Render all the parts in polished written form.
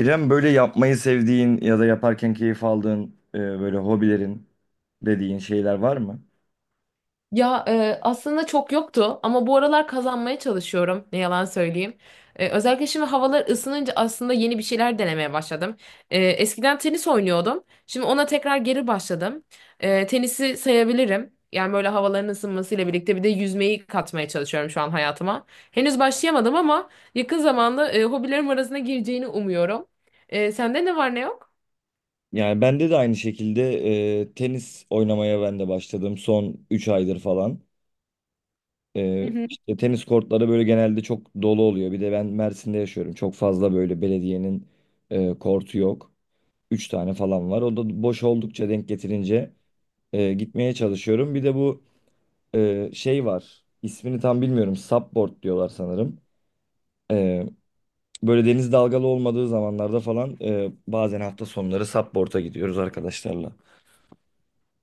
İrem, böyle yapmayı sevdiğin ya da yaparken keyif aldığın böyle hobilerin dediğin şeyler var mı? Ya aslında çok yoktu ama bu aralar kazanmaya çalışıyorum ne yalan söyleyeyim. Özellikle şimdi havalar ısınınca aslında yeni bir şeyler denemeye başladım. Eskiden tenis oynuyordum. Şimdi ona tekrar geri başladım. Tenisi sayabilirim. Yani böyle havaların ısınmasıyla birlikte bir de yüzmeyi katmaya çalışıyorum şu an hayatıma. Henüz başlayamadım ama yakın zamanda hobilerim arasına gireceğini umuyorum. Sende ne var ne yok? Yani bende de aynı şekilde tenis oynamaya ben de başladım son 3 aydır falan. E, Hı hı. işte tenis kortları böyle genelde çok dolu oluyor. Bir de ben Mersin'de yaşıyorum. Çok fazla böyle belediyenin kortu yok. Üç tane falan var. O da boş oldukça denk getirince gitmeye çalışıyorum. Bir de bu şey var. İsmini tam bilmiyorum. Supboard diyorlar sanırım. E, Böyle deniz dalgalı olmadığı zamanlarda falan bazen hafta sonları Subboard'a gidiyoruz arkadaşlarla.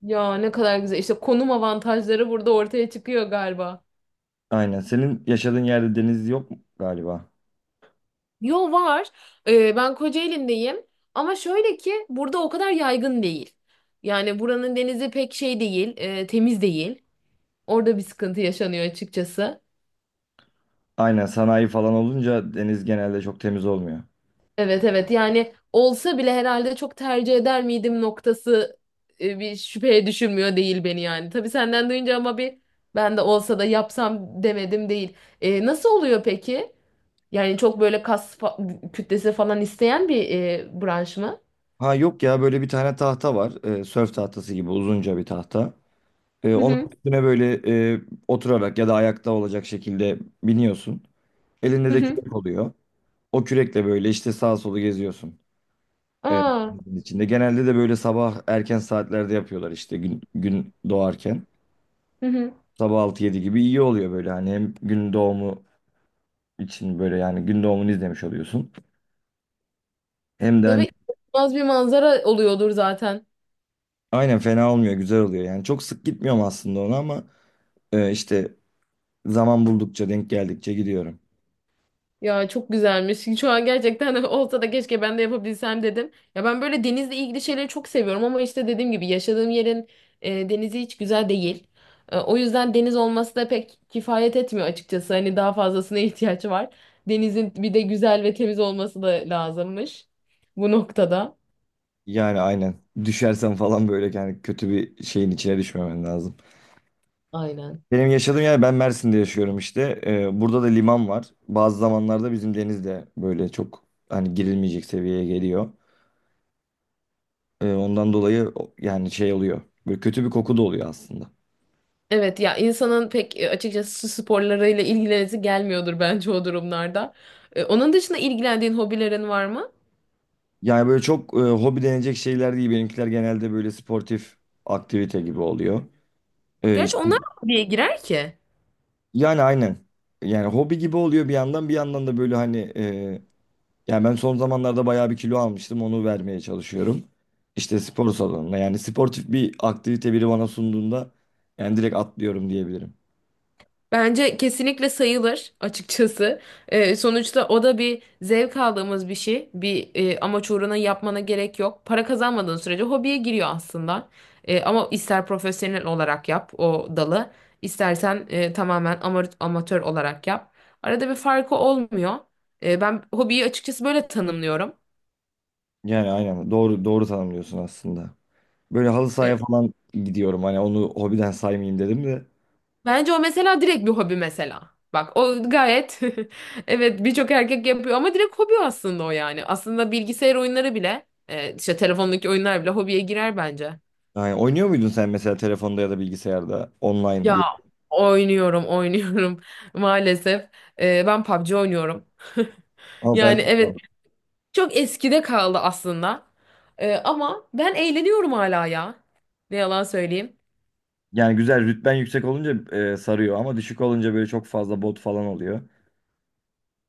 Ya ne kadar güzel. İşte konum avantajları burada ortaya çıkıyor galiba. Aynen. Senin yaşadığın yerde deniz yok mu galiba? Yo var. Ben Kocaeli'ndeyim. Ama şöyle ki burada o kadar yaygın değil. Yani buranın denizi pek şey değil, temiz değil. Orada bir sıkıntı yaşanıyor açıkçası. Aynen, sanayi falan olunca deniz genelde çok temiz olmuyor. Evet, evet, yani olsa bile herhalde çok tercih eder miydim noktası bir şüpheye düşürmüyor değil beni yani. Tabii senden duyunca ama bir ben de olsa da yapsam demedim değil. Nasıl oluyor peki? Yani çok böyle kas kütlesi falan isteyen bir branş mı? Ha, yok ya, böyle bir tane tahta var. Sörf tahtası gibi uzunca bir tahta. E, Hı onun hı. üstüne böyle e, oturarak ya da ayakta olacak şekilde biniyorsun. Elinde Hı de hı. kürek oluyor. O kürekle böyle işte sağa solu geziyorsun. Evet, Aa. denizin içinde. Genelde de böyle sabah erken saatlerde yapıyorlar, işte gün doğarken. Hı hı. Sabah 6-7 gibi iyi oluyor, böyle hani hem gün doğumu için, böyle yani gün doğumunu izlemiş oluyorsun. Hem de Tabii, hani inanılmaz bir manzara oluyordur zaten. aynen, fena olmuyor, güzel oluyor yani. Çok sık gitmiyorum aslında ona, ama işte zaman buldukça, denk geldikçe gidiyorum. Ya çok güzelmiş. Şu an gerçekten olsa da keşke ben de yapabilsem dedim. Ya ben böyle denizle ilgili şeyleri çok seviyorum ama işte dediğim gibi yaşadığım yerin denizi hiç güzel değil. O yüzden deniz olması da pek kifayet etmiyor açıkçası. Hani daha fazlasına ihtiyaç var. Denizin bir de güzel ve temiz olması da lazımmış bu noktada. Yani aynen, düşersen falan böyle, yani kötü bir şeyin içine düşmemen lazım. Aynen. Benim yaşadığım yer, ben Mersin'de yaşıyorum işte. Burada da liman var. Bazı zamanlarda bizim deniz de böyle çok hani girilmeyecek seviyeye geliyor. Ondan dolayı yani şey oluyor. Böyle kötü bir koku da oluyor aslında. Evet, ya insanın pek açıkçası su sporlarıyla ilgilenesi gelmiyordur bence o durumlarda. Onun dışında ilgilendiğin hobilerin var mı? Yani böyle çok hobi denecek şeyler değil. Benimkiler genelde böyle sportif aktivite gibi oluyor. Gerçi İşte, onlar da hobiye girer ki. yani aynen. Yani hobi gibi oluyor bir yandan, bir yandan da böyle hani. Yani ben son zamanlarda bayağı bir kilo almıştım. Onu vermeye çalışıyorum. İşte spor salonuna, yani sportif bir aktivite biri bana sunduğunda yani direkt atlıyorum diyebilirim. Bence kesinlikle sayılır açıkçası. Sonuçta o da bir zevk aldığımız bir şey. Bir amaç uğruna yapmana gerek yok. Para kazanmadığın sürece hobiye giriyor aslında. Ama ister profesyonel olarak yap o dalı, istersen tamamen amatör olarak yap. Arada bir farkı olmuyor. Ben hobiyi açıkçası böyle tanımlıyorum. Yani aynen, doğru doğru tanımlıyorsun aslında. Böyle halı E, sahaya falan gidiyorum. Hani onu hobiden saymayayım dedim de. Bence o mesela direkt bir hobi mesela. Bak o gayet evet, birçok erkek yapıyor ama direkt hobi aslında o yani. Aslında bilgisayar oyunları bile işte telefondaki oyunlar bile hobiye girer bence. Yani oynuyor muydun sen, mesela telefonda ya da bilgisayarda online Ya bir? oynuyorum maalesef. Ben PUBG oynuyorum. Ama ben, Yani evet, çok eskide kaldı aslında. Ama ben eğleniyorum hala ya. Ne yalan söyleyeyim. yani güzel rütben yüksek olunca sarıyor, ama düşük olunca böyle çok fazla bot falan oluyor.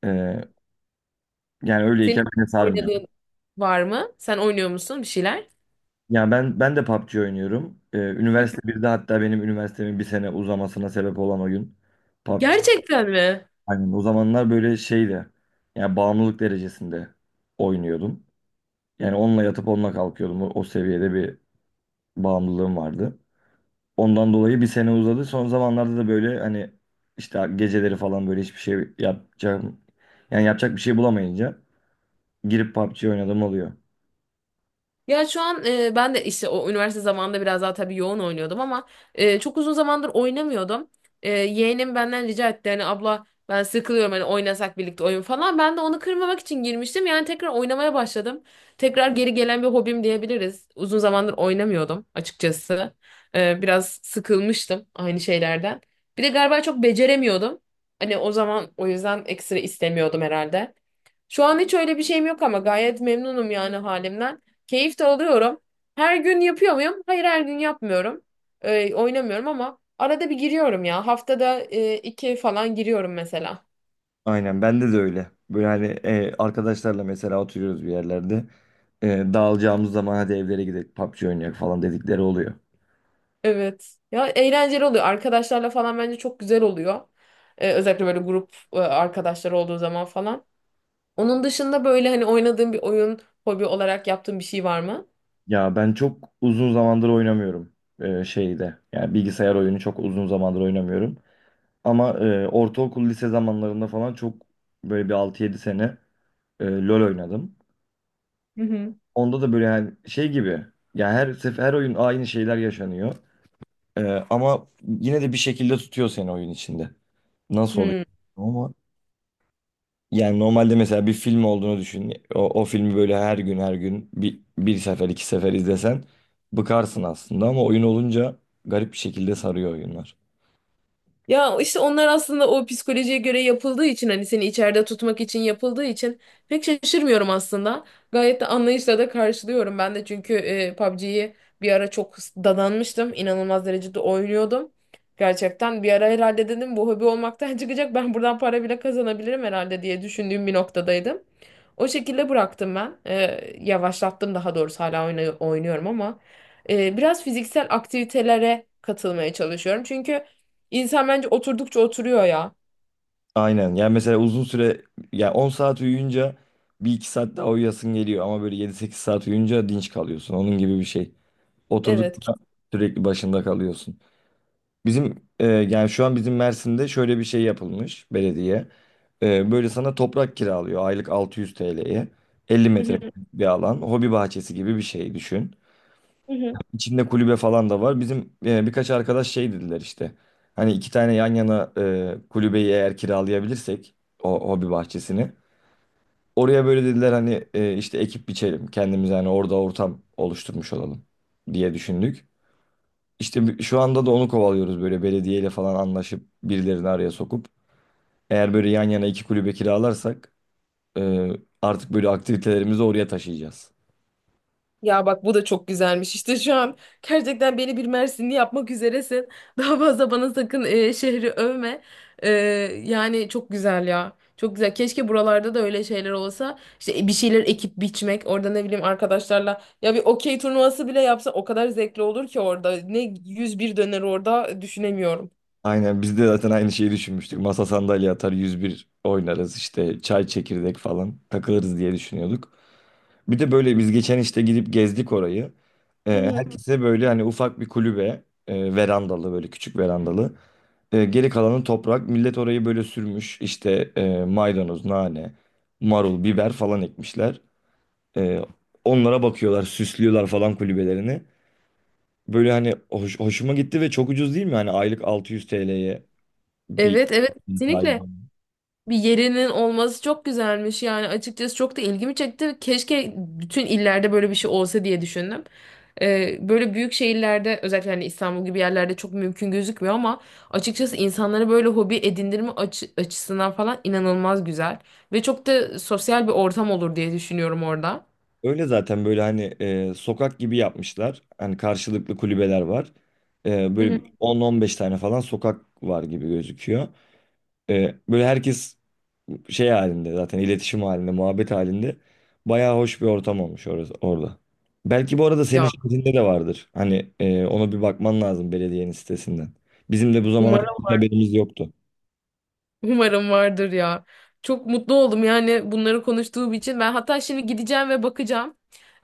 E, yani Senin öyleyken beni sarmıyor. oynadığın var mı? Sen oynuyor musun bir şeyler? Ya ben de PUBG oynuyorum. Ee, Hı. üniversite birde hatta, benim üniversitemin bir sene uzamasına sebep olan oyun PUBG. Gerçekten mi? Aynen, o zamanlar böyle şeydi. Yani bağımlılık derecesinde oynuyordum. Yani onunla yatıp onunla kalkıyordum. O seviyede bir bağımlılığım vardı. Ondan dolayı bir sene uzadı. Son zamanlarda da böyle hani işte geceleri falan böyle hiçbir şey yapacağım. Yani yapacak bir şey bulamayınca girip PUBG oynadım oluyor. Ya şu an ben de işte o üniversite zamanında biraz daha tabii yoğun oynuyordum ama çok uzun zamandır oynamıyordum. Yeğenim benden rica etti hani abla ben sıkılıyorum hani oynasak birlikte oyun falan. Ben de onu kırmamak için girmiştim yani tekrar oynamaya başladım. Tekrar geri gelen bir hobim diyebiliriz. Uzun zamandır oynamıyordum açıkçası. Biraz sıkılmıştım aynı şeylerden. Bir de galiba çok beceremiyordum. Hani o zaman o yüzden ekstra istemiyordum herhalde. Şu an hiç öyle bir şeyim yok ama gayet memnunum yani halimden. Keyif de alıyorum. Her gün yapıyor muyum? Hayır, her gün yapmıyorum. Oynamıyorum ama arada bir giriyorum ya. Haftada iki falan giriyorum mesela. Aynen, bende de öyle. Böyle hani arkadaşlarla mesela oturuyoruz bir yerlerde. E, dağılacağımız zaman hadi evlere gidelim, PUBG oynayalım falan dedikleri oluyor. Evet. Ya eğlenceli oluyor. Arkadaşlarla falan bence çok güzel oluyor. Özellikle böyle grup arkadaşlar olduğu zaman falan. Onun dışında böyle hani oynadığın bir oyun, hobi olarak yaptığın bir şey var mı? Ya ben çok uzun zamandır oynamıyorum şeyde. Yani bilgisayar oyunu çok uzun zamandır oynamıyorum. Ama ortaokul lise zamanlarında falan çok, böyle bir 6-7 sene LoL oynadım. Hı hı. Onda da böyle yani şey gibi. Yani her sefer her oyun aynı şeyler yaşanıyor. E, ama yine de bir şekilde tutuyor seni oyun içinde. Nasıl oluyor? Hmm. Ama, yani normalde mesela bir film olduğunu düşün. O filmi böyle her gün her gün bir sefer iki sefer izlesen bıkarsın aslında, ama oyun olunca garip bir şekilde sarıyor oyunlar. Ya işte onlar aslında o psikolojiye göre yapıldığı için hani seni içeride tutmak için yapıldığı için pek şaşırmıyorum aslında. Gayet de anlayışla da karşılıyorum ben de çünkü PUBG'yi bir ara çok dadanmıştım. İnanılmaz derecede oynuyordum. Gerçekten bir ara herhalde dedim bu hobi olmaktan çıkacak ben buradan para bile kazanabilirim herhalde diye düşündüğüm bir noktadaydım. O şekilde bıraktım ben. Yavaşlattım daha doğrusu, hala oynuyorum ama biraz fiziksel aktivitelere katılmaya çalışıyorum. Çünkü İnsan bence oturdukça oturuyor ya. Aynen, yani mesela uzun süre, yani 10 saat uyuyunca bir iki saat daha uyuyasın geliyor, ama böyle 7-8 saat uyuyunca dinç kalıyorsun. Onun gibi bir şey. Evet. Oturdukça sürekli başında kalıyorsun. Bizim yani şu an bizim Mersin'de şöyle bir şey yapılmış belediye. Böyle sana toprak kiralıyor aylık 600 TL'ye. elli Hı hı, metrekare bir alan. Hobi bahçesi gibi bir şey düşün. hı hı. İçinde kulübe falan da var. Bizim birkaç arkadaş şey dediler işte. Hani iki tane yan yana kulübeyi eğer kiralayabilirsek, o hobi bahçesini. Oraya böyle dediler, hani işte ekip biçelim. Kendimize hani orada ortam oluşturmuş olalım diye düşündük. İşte şu anda da onu kovalıyoruz, böyle belediyeyle falan anlaşıp birilerini araya sokup. Eğer böyle yan yana iki kulübe kiralarsak e, artık böyle aktivitelerimizi oraya taşıyacağız. Ya bak, bu da çok güzelmiş. İşte şu an gerçekten beni bir Mersinli yapmak üzeresin. Daha fazla bana sakın şehri övme. E, Yani çok güzel ya. Çok güzel. Keşke buralarda da öyle şeyler olsa. İşte bir şeyler ekip biçmek. Orada ne bileyim arkadaşlarla. Ya bir okey turnuvası bile yapsa o kadar zevkli olur ki orada. Ne 101 döner orada düşünemiyorum. Aynen, biz de zaten aynı şeyi düşünmüştük. Masa sandalye atar, 101 oynarız, işte çay çekirdek falan takılırız diye düşünüyorduk. Bir de böyle biz geçen işte gidip gezdik orayı. Hı Ee, hı. herkese böyle hani ufak bir kulübe, verandalı, böyle küçük verandalı. Geri kalanı toprak. Millet orayı böyle sürmüş. İşte maydanoz, nane, marul, biber falan ekmişler. E, onlara bakıyorlar, süslüyorlar falan kulübelerini. Böyle hani hoşuma gitti ve çok ucuz değil mi? Hani aylık 600 TL'ye bir Evet, evet, sahip. kesinlikle. Bir yerinin olması çok güzelmiş yani açıkçası, çok da ilgimi çekti. Keşke bütün illerde böyle bir şey olsa diye düşündüm. Böyle büyük şehirlerde özellikle hani İstanbul gibi yerlerde çok mümkün gözükmüyor ama açıkçası insanlara böyle hobi edindirme açısından falan inanılmaz güzel ve çok da sosyal bir ortam olur diye düşünüyorum orada. Öyle zaten böyle hani sokak gibi yapmışlar. Hani karşılıklı kulübeler var. E, Hı böyle hı. bir 10-15 tane falan sokak var gibi gözüküyor. Böyle herkes şey halinde zaten, iletişim halinde, muhabbet halinde, bayağı hoş bir ortam olmuş orası, orada. Belki bu arada senin Ya şehrinde de vardır. Hani ona bir bakman lazım, belediyenin sitesinden. Bizim de bu zamana kadar umarım, hiç haberimiz yoktu. umarım vardır ya. Çok mutlu oldum yani bunları konuştuğum için. Ben hatta şimdi gideceğim ve bakacağım.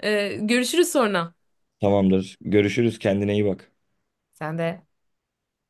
Görüşürüz sonra. Tamamdır. Görüşürüz. Kendine iyi bak. Sen de.